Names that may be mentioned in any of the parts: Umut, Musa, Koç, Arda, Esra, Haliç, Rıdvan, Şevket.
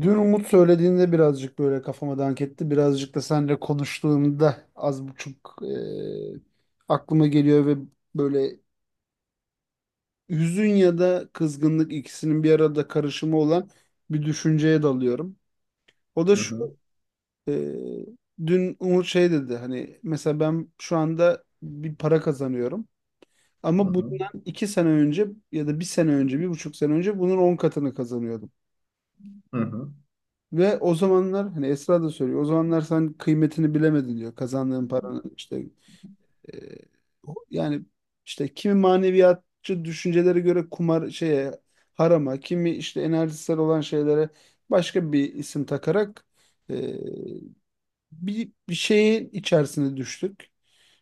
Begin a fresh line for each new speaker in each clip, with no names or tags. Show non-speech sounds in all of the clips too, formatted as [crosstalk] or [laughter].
Dün Umut söylediğinde birazcık böyle kafama dank etti. Birazcık da seninle konuştuğumda az buçuk aklıma geliyor ve böyle hüzün ya da kızgınlık ikisinin bir arada karışımı olan bir düşünceye dalıyorum. O da
Hı
şu,
hı,
e, dün Umut şey dedi, hani mesela ben şu anda bir para kazanıyorum
hı
ama
hı,
bundan iki sene önce ya da bir sene önce, bir buçuk sene önce bunun 10 katını kazanıyordum.
hı hı,
Ve o zamanlar hani Esra da söylüyor. O zamanlar sen kıymetini bilemedin diyor. Kazandığın paranın işte, e, yani işte kimi maneviyatçı düşüncelere göre kumar şeye, harama, kimi işte enerjisel olan şeylere başka bir isim takarak, e, bir şeyin içerisine düştük.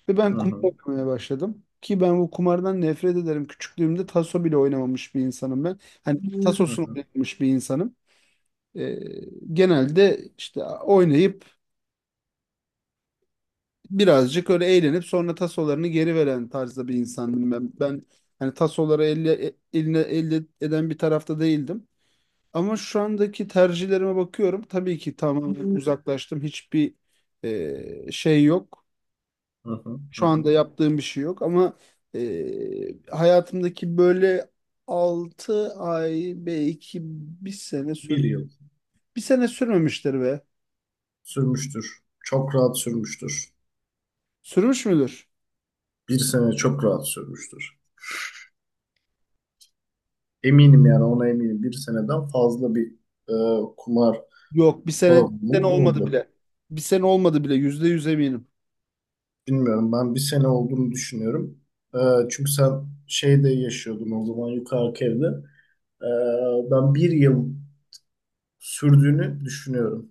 Ve
hı
ben kumar
hı,
oynamaya başladım. Ki ben bu kumardan nefret ederim. Küçüklüğümde taso bile oynamamış bir insanım ben. Hani
hı
tasosunu
hı,
oynamamış bir insanım. E, Genelde işte oynayıp birazcık öyle eğlenip sonra tasolarını geri veren tarzda bir insandım ben. Ben hani tasoları elle, eline elde eden bir tarafta değildim. Ama şu andaki tercihlerime bakıyorum. Tabii ki tamamen uzaklaştım. Hiçbir şey yok.
hı hı, hı
Şu
hı.
anda yaptığım bir şey yok ama hayatımdaki böyle 6 ay belki bir sene
Bir
sürüp
yıl
bir sene sürmemiştir be.
sürmüştür. Çok rahat sürmüştür.
Sürmüş müdür?
Bir sene çok rahat sürmüştür. Eminim yani, ona eminim. Bir seneden fazla bir e, kumar
Yok, bir sene
bağımlılığı
olmadı
oldu.
bile. Bir sene olmadı bile, %100 eminim.
Bilmiyorum, ben bir sene olduğunu düşünüyorum. E, çünkü sen şeyde yaşıyordun o zaman, yukarıki evde. E, ben bir yıl sürdüğünü düşünüyorum.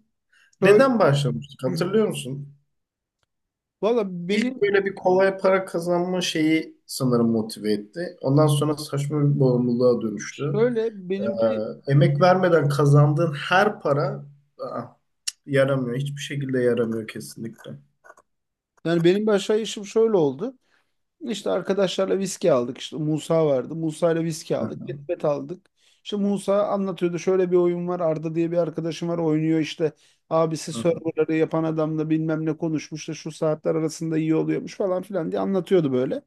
Şöyle,
Neden başlamıştık, hatırlıyor musun?
valla benim
İlk böyle bir kolay para kazanma şeyi sanırım motive etti. Ondan sonra saçma bir bağımlılığa dönüştü.
şöyle
Ee,
benimki
emek vermeden kazandığın her para aa, yaramıyor. Hiçbir şekilde yaramıyor kesinlikle.
Yani benim bir aşağı işim şöyle oldu. İşte arkadaşlarla viski aldık. İşte Musa vardı. Musa ile viski
Hı
aldık.
hı,
Ketbet aldık. İşte Musa anlatıyordu. Şöyle bir oyun var. Arda diye bir arkadaşım var, oynuyor işte. Abisi
hı hı,
serverları yapan adamla bilmem ne konuşmuş da şu saatler arasında iyi oluyormuş falan filan diye anlatıyordu böyle.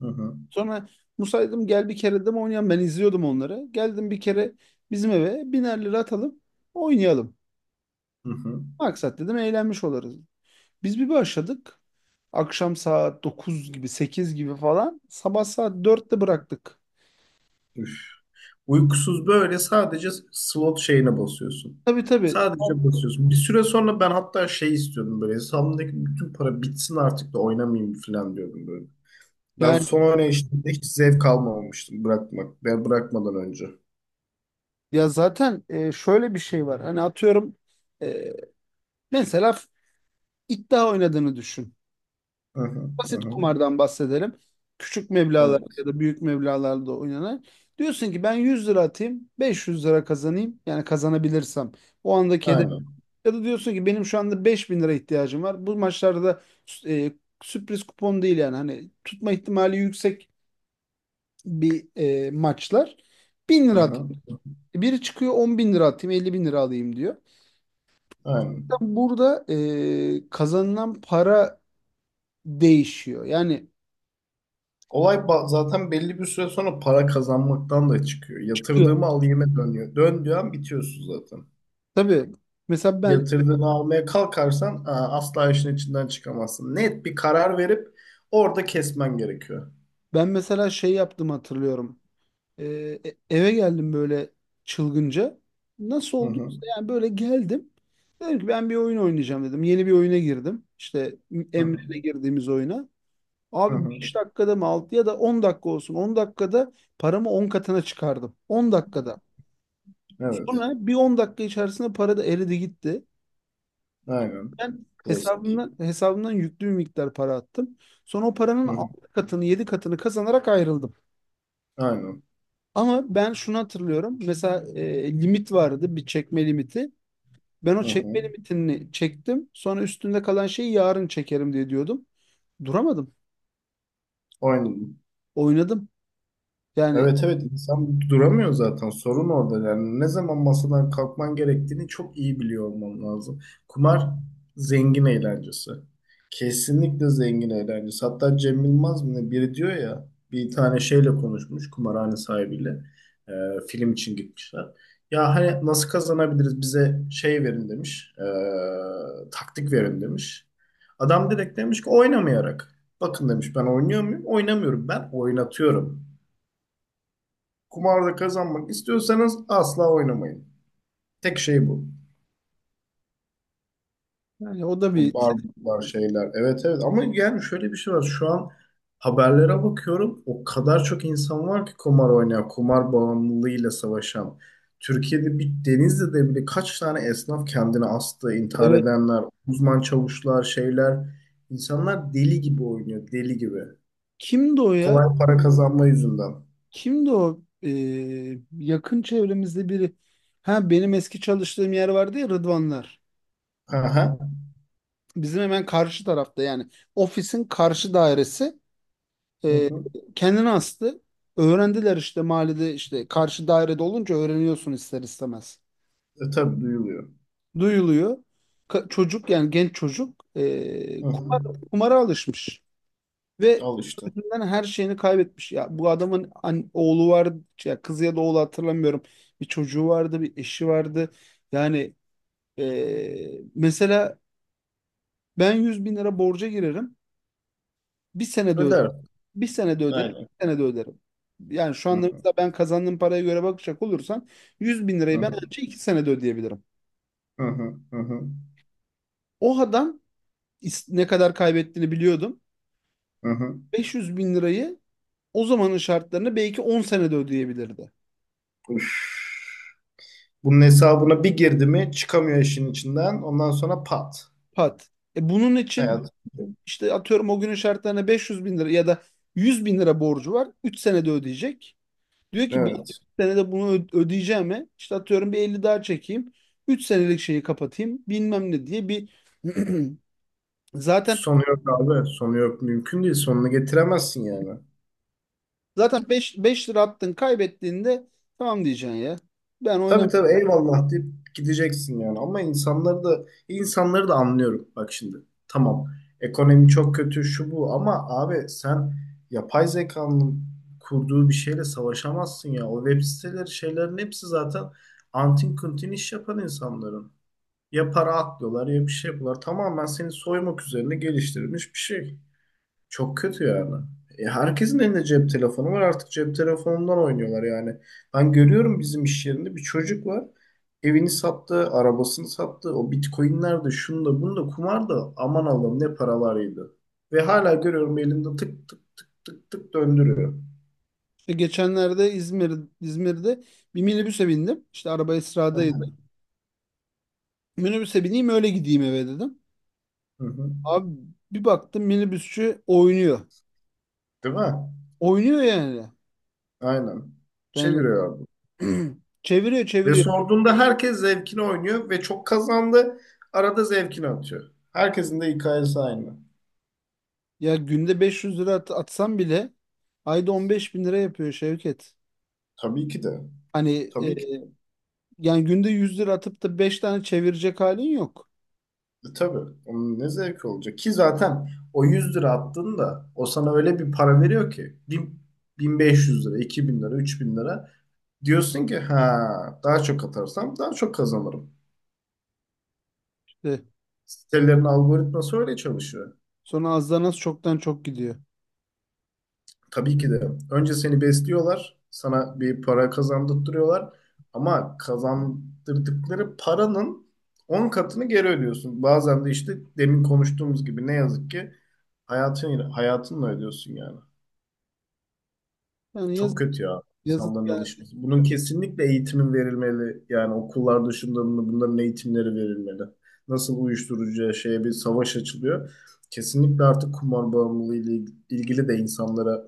hı hı,
Sonra Musaydım, gel bir kere de mi oynayalım. Ben izliyordum onları. Geldim bir kere, bizim eve biner lira atalım, oynayalım.
hı.
Maksat dedim, eğlenmiş oluruz. Biz bir başladık. Akşam saat 9 gibi, 8 gibi falan. Sabah saat 4'te bıraktık.
Üf. Uykusuz böyle sadece slot şeyine basıyorsun.
Tabii, tabii.
Sadece basıyorsun. Bir süre sonra ben hatta şey istiyordum böyle, hesabımdaki bütün para bitsin artık da oynamayayım falan diyordum böyle. Ben
Yani,
son oynayışımda hiç zevk almamıştım bırakmak. Ben bırakmadan önce.
ya zaten şöyle bir şey var. Hani atıyorum, e, mesela iddia oynadığını düşün.
Hı hı, hı
Basit
hı.
kumardan bahsedelim. Küçük meblağlarda ya
Evet.
da büyük meblağlarda oynanan. Diyorsun ki ben 100 lira atayım, 500 lira kazanayım. Yani kazanabilirsem. O andaki hedef.
Aynen.
Ya da diyorsun ki benim şu anda 5 bin lira ihtiyacım var. Bu maçlarda da e, sürpriz kupon değil yani. Hani tutma ihtimali yüksek bir maçlar. 1000
Hı
lira atayım.
hı,
Biri çıkıyor 10 bin lira atayım, 50 bin lira alayım diyor.
aynen.
Zaten burada kazanılan para değişiyor. Yani,
Olay zaten belli bir süre sonra para kazanmaktan da çıkıyor. Yatırdığımı alayım'a dönüyor. Döndüğü an bitiyorsun zaten.
tabii. Mesela ben
Yatırdığını almaya kalkarsan asla işin içinden çıkamazsın. Net bir karar verip orada kesmen gerekiyor.
Ben mesela şey yaptım, hatırlıyorum. Ee, Eve geldim böyle, çılgınca. Nasıl
Hı hı,
olduysa, yani böyle geldim. Dedim ki ben bir oyun oynayacağım dedim. Yeni bir oyuna girdim. İşte
hı hı,
Emre'yle girdiğimiz oyuna.
hı
Abi
hı.
5 dakikada mı 6 ya da 10 dakika olsun. 10 dakikada paramı 10 katına çıkardım. 10 dakikada.
Evet.
Sonra bir 10 dakika içerisinde para da eridi gitti.
Aynen.
Ben
Klasik.
hesabımdan yüklü bir miktar para attım. Sonra o paranın
Hı hı,
6 katını, 7 katını kazanarak ayrıldım.
aynen.
Ama ben şunu hatırlıyorum. Mesela limit vardı, bir çekme limiti. Ben o
Hı hı.
çekme limitini çektim. Sonra üstünde kalan şeyi yarın çekerim diye diyordum. Duramadım.
Oynadım.
Oynadım. Yani
Evet, evet, insan duramıyor zaten, sorun orada yani. Ne zaman masadan kalkman gerektiğini çok iyi biliyor olman lazım. Kumar zengin eğlencesi. Kesinlikle zengin eğlencesi. Hatta Cem Yılmaz mı ne, biri diyor ya, bir tane şeyle konuşmuş, kumarhane sahibiyle. Ee, film için gitmişler. Ya hani nasıl kazanabiliriz, bize şey verin demiş, taktik verin demiş. Adam direkt demiş ki oynamayarak. Bakın demiş, ben oynuyor muyum? Oynamıyorum, ben oynatıyorum. Kumarda kazanmak istiyorsanız asla oynamayın. Tek şey bu.
yani o da
O
bir [laughs]
barbuklar şeyler. Evet, evet, ama yani şöyle bir şey var. Şu an haberlere bakıyorum. O kadar çok insan var ki kumar oynayan, kumar bağımlılığıyla savaşan. Türkiye'de, bir Denizli'de bile kaç tane esnaf kendini astı, intihar
evet.
edenler, uzman çavuşlar, şeyler. İnsanlar deli gibi oynuyor, deli gibi.
Kimdi o ya?
Kolay para kazanma yüzünden.
Kimdi o? Yakın çevremizde biri. Ha, benim eski çalıştığım yer vardı ya, Rıdvanlar.
Aha.
Bizim hemen karşı tarafta, yani ofisin karşı dairesi.
Hı
E,
hı.
Kendini astı. Öğrendiler işte, mahallede işte karşı dairede olunca öğreniyorsun ister istemez.
Tabii duyuluyor.
Duyuluyor. Çocuk, yani genç çocuk,
Hı hı.
kumara alışmış. Ve
Al işte.
kumar yüzünden her şeyini kaybetmiş. Ya bu adamın oğlu vardı ya kızı ya da oğlu, hatırlamıyorum. Bir çocuğu vardı, bir eşi vardı. Yani mesela ben 100 bin lira borca girerim. Bir senede öderim.
Öder.
Bir senede öderim,
Aynen.
bir senede öderim. Yani şu
Hı
anda
hı,
mesela ben kazandığım paraya göre bakacak olursan, yüz bin
hı
lirayı ben
hı,
ancak 2 senede ödeyebilirim.
hı hı, hı hı,
O adam ne kadar kaybettiğini biliyordum.
hı hı.
500 bin lirayı o zamanın şartlarını belki 10 senede ödeyebilirdi.
Üf. Bunun hesabına bir girdi mi çıkamıyor işin içinden. Ondan sonra pat.
Pat. E, bunun için
Hayat.
işte atıyorum o günün şartlarına 500 bin lira ya da 100 bin lira borcu var. 3 senede ödeyecek. Diyor ki ben 3
Evet.
senede bunu ödeyeceğime işte atıyorum bir 50 daha çekeyim. Üç senelik şeyi kapatayım bilmem ne diye bir [clears throat] Zaten
Sonu yok abi. Sonu yok. Mümkün değil. Sonunu getiremezsin yani.
zaten beş lira attın kaybettiğinde tamam diyeceksin ya. Ben
Tabii,
oynam
tabii, eyvallah deyip gideceksin yani. Ama insanları da, insanları da anlıyorum. Bak şimdi, tamam, ekonomi çok kötü şu bu, ama abi sen yapay zekanın kurduğu bir şeyle savaşamazsın ya. O web siteleri, şeylerin hepsi zaten antin kuntin iş yapan insanların. Ya para atlıyorlar ya bir şey yapıyorlar. Tamamen seni soymak üzerine geliştirilmiş bir şey. Çok kötü yani. Herkesin elinde cep telefonu var. Artık cep telefonundan oynuyorlar yani. Ben görüyorum, bizim iş yerinde bir çocuk var. Evini sattı, arabasını sattı. O bitcoinler de, şunu da bunu da, kumar da, aman Allah'ım ne paralarıydı. Ve hala görüyorum, elinde tık tık tık tık tık döndürüyor.
işte geçenlerde İzmir'de bir minibüse bindim. İşte araba
Hı hı.
Esra'daydı. Minibüse bineyim, öyle gideyim eve dedim.
Hı hı.
Abi bir baktım, minibüsçü oynuyor.
Değil mi?
Oynuyor yani.
Aynen.
Yani
Çeviriyor abi.
[clears throat] çeviriyor,
Ve
çeviriyor.
sorduğunda herkes zevkini oynuyor ve çok kazandı. Arada zevkini atıyor. Herkesin de hikayesi aynı.
Ya günde 500 lira atsam bile ayda 15 bin lira yapıyor Şevket.
Tabii ki de.
Hani,
Tabii.
yani günde 100 lira atıp da 5 tane çevirecek halin yok.
Tabii. Onun ne zevki olacak ki zaten, o 100 lira attığında o sana öyle bir para veriyor ki 1500 lira, 2000 lira, 3000 lira, diyorsun ki ha, daha çok atarsam daha çok kazanırım.
İşte
Sitelerin algoritması öyle çalışıyor.
sonra azdan az, çoktan çok gidiyor.
Tabii ki de önce seni besliyorlar, sana bir para kazandırtıyorlar ama kazandırdıkları paranın 10 katını geri ödüyorsun. Bazen de işte demin konuştuğumuz gibi ne yazık ki hayatın, hayatınla ödüyorsun yani.
Yani
Çok
yazık,
kötü ya
yazık
insanların
ya.
alışması. Bunun kesinlikle eğitimin verilmeli. Yani okullar dışında bunların eğitimleri verilmeli. Nasıl uyuşturucuya, şeye bir savaş açılıyor. Kesinlikle artık kumar bağımlılığı ile ilgili de insanlara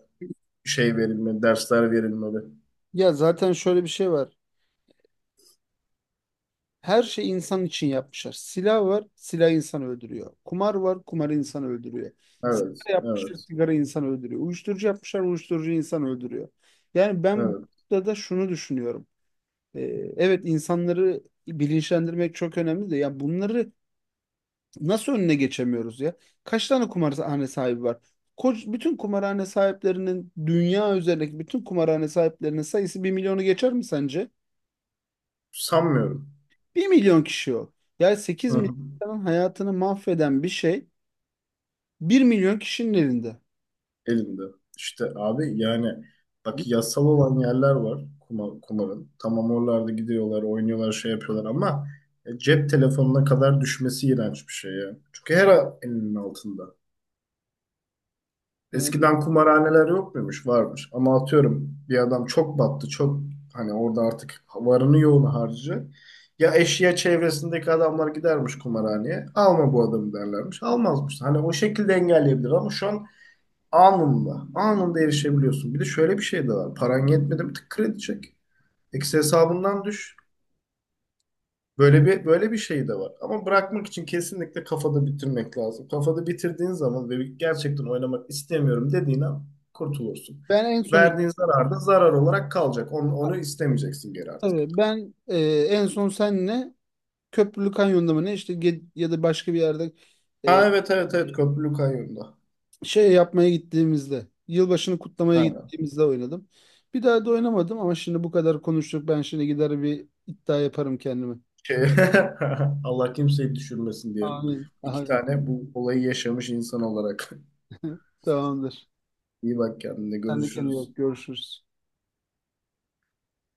şey verilmeli, dersler verilmeli.
Ya zaten şöyle bir şey var. Her şey insan için yapmışlar. Silah var, silah insanı öldürüyor. Kumar var, kumar insanı öldürüyor.
Evet,
Sigara yapmışlar,
evet,
sigara insanı öldürüyor. Uyuşturucu yapmışlar, uyuşturucu insanı öldürüyor. Yani ben
evet.
burada da şunu düşünüyorum. Ee, evet, insanları bilinçlendirmek çok önemli de ya bunları nasıl önüne geçemiyoruz ya? Kaç tane kumarhane sahibi var? Koç, bütün kumarhane sahiplerinin, dünya üzerindeki bütün kumarhane sahiplerinin sayısı bir milyonu geçer mi sence?
Sanmıyorum.
Bir milyon kişi o. Yani sekiz
Hı
milyon
hı.
insanın hayatını mahveden bir şey bir milyon kişinin elinde.
Elinde. İşte abi yani,
Hı?
bak, yasal olan yerler var kumarın. Tamam, oralarda gidiyorlar, oynuyorlar, şey yapıyorlar ama cep telefonuna kadar düşmesi iğrenç bir şey ya. Çünkü her an elinin altında.
Yani
Eskiden kumarhaneler yok muymuş? Varmış. Ama atıyorum, bir adam çok battı, çok, hani orada artık varını yoğunu harcı. Ya, eşya, çevresindeki adamlar gidermiş kumarhaneye. Alma bu adamı derlermiş. Almazmış. Hani o şekilde engelleyebilir ama şu an anında. Anında erişebiliyorsun. Bir de şöyle bir şey de var. Paran yetmedi mi? Tık, kredi çek. Eksi hesabından düş. Böyle bir şey de var. Ama bırakmak için kesinlikle kafada bitirmek lazım. Kafada bitirdiğin zaman ve gerçekten oynamak istemiyorum dediğin an kurtulursun.
ben en son işte,
Verdiğin zarar da zarar olarak kalacak. Onu istemeyeceksin geri artık.
tabii ben en son senle Köprülü Kanyon'da mı ne, işte ya da başka bir yerde
Ha, evet, evet, evet, köprülü kayyumda.
şey yapmaya gittiğimizde, yılbaşını kutlamaya
Aynen.
gittiğimizde oynadım. Bir daha da oynamadım ama şimdi bu kadar konuştuk. Ben şimdi gider bir iddia yaparım kendime.
Şey, [laughs] Allah kimseyi düşürmesin diyelim.
Amin.
İki
Amin.
tane bu olayı yaşamış insan olarak. [laughs]
[laughs] Tamamdır.
İyi bak kendine,
Sen de kendine iyi
görüşürüz.
bak. Görüşürüz.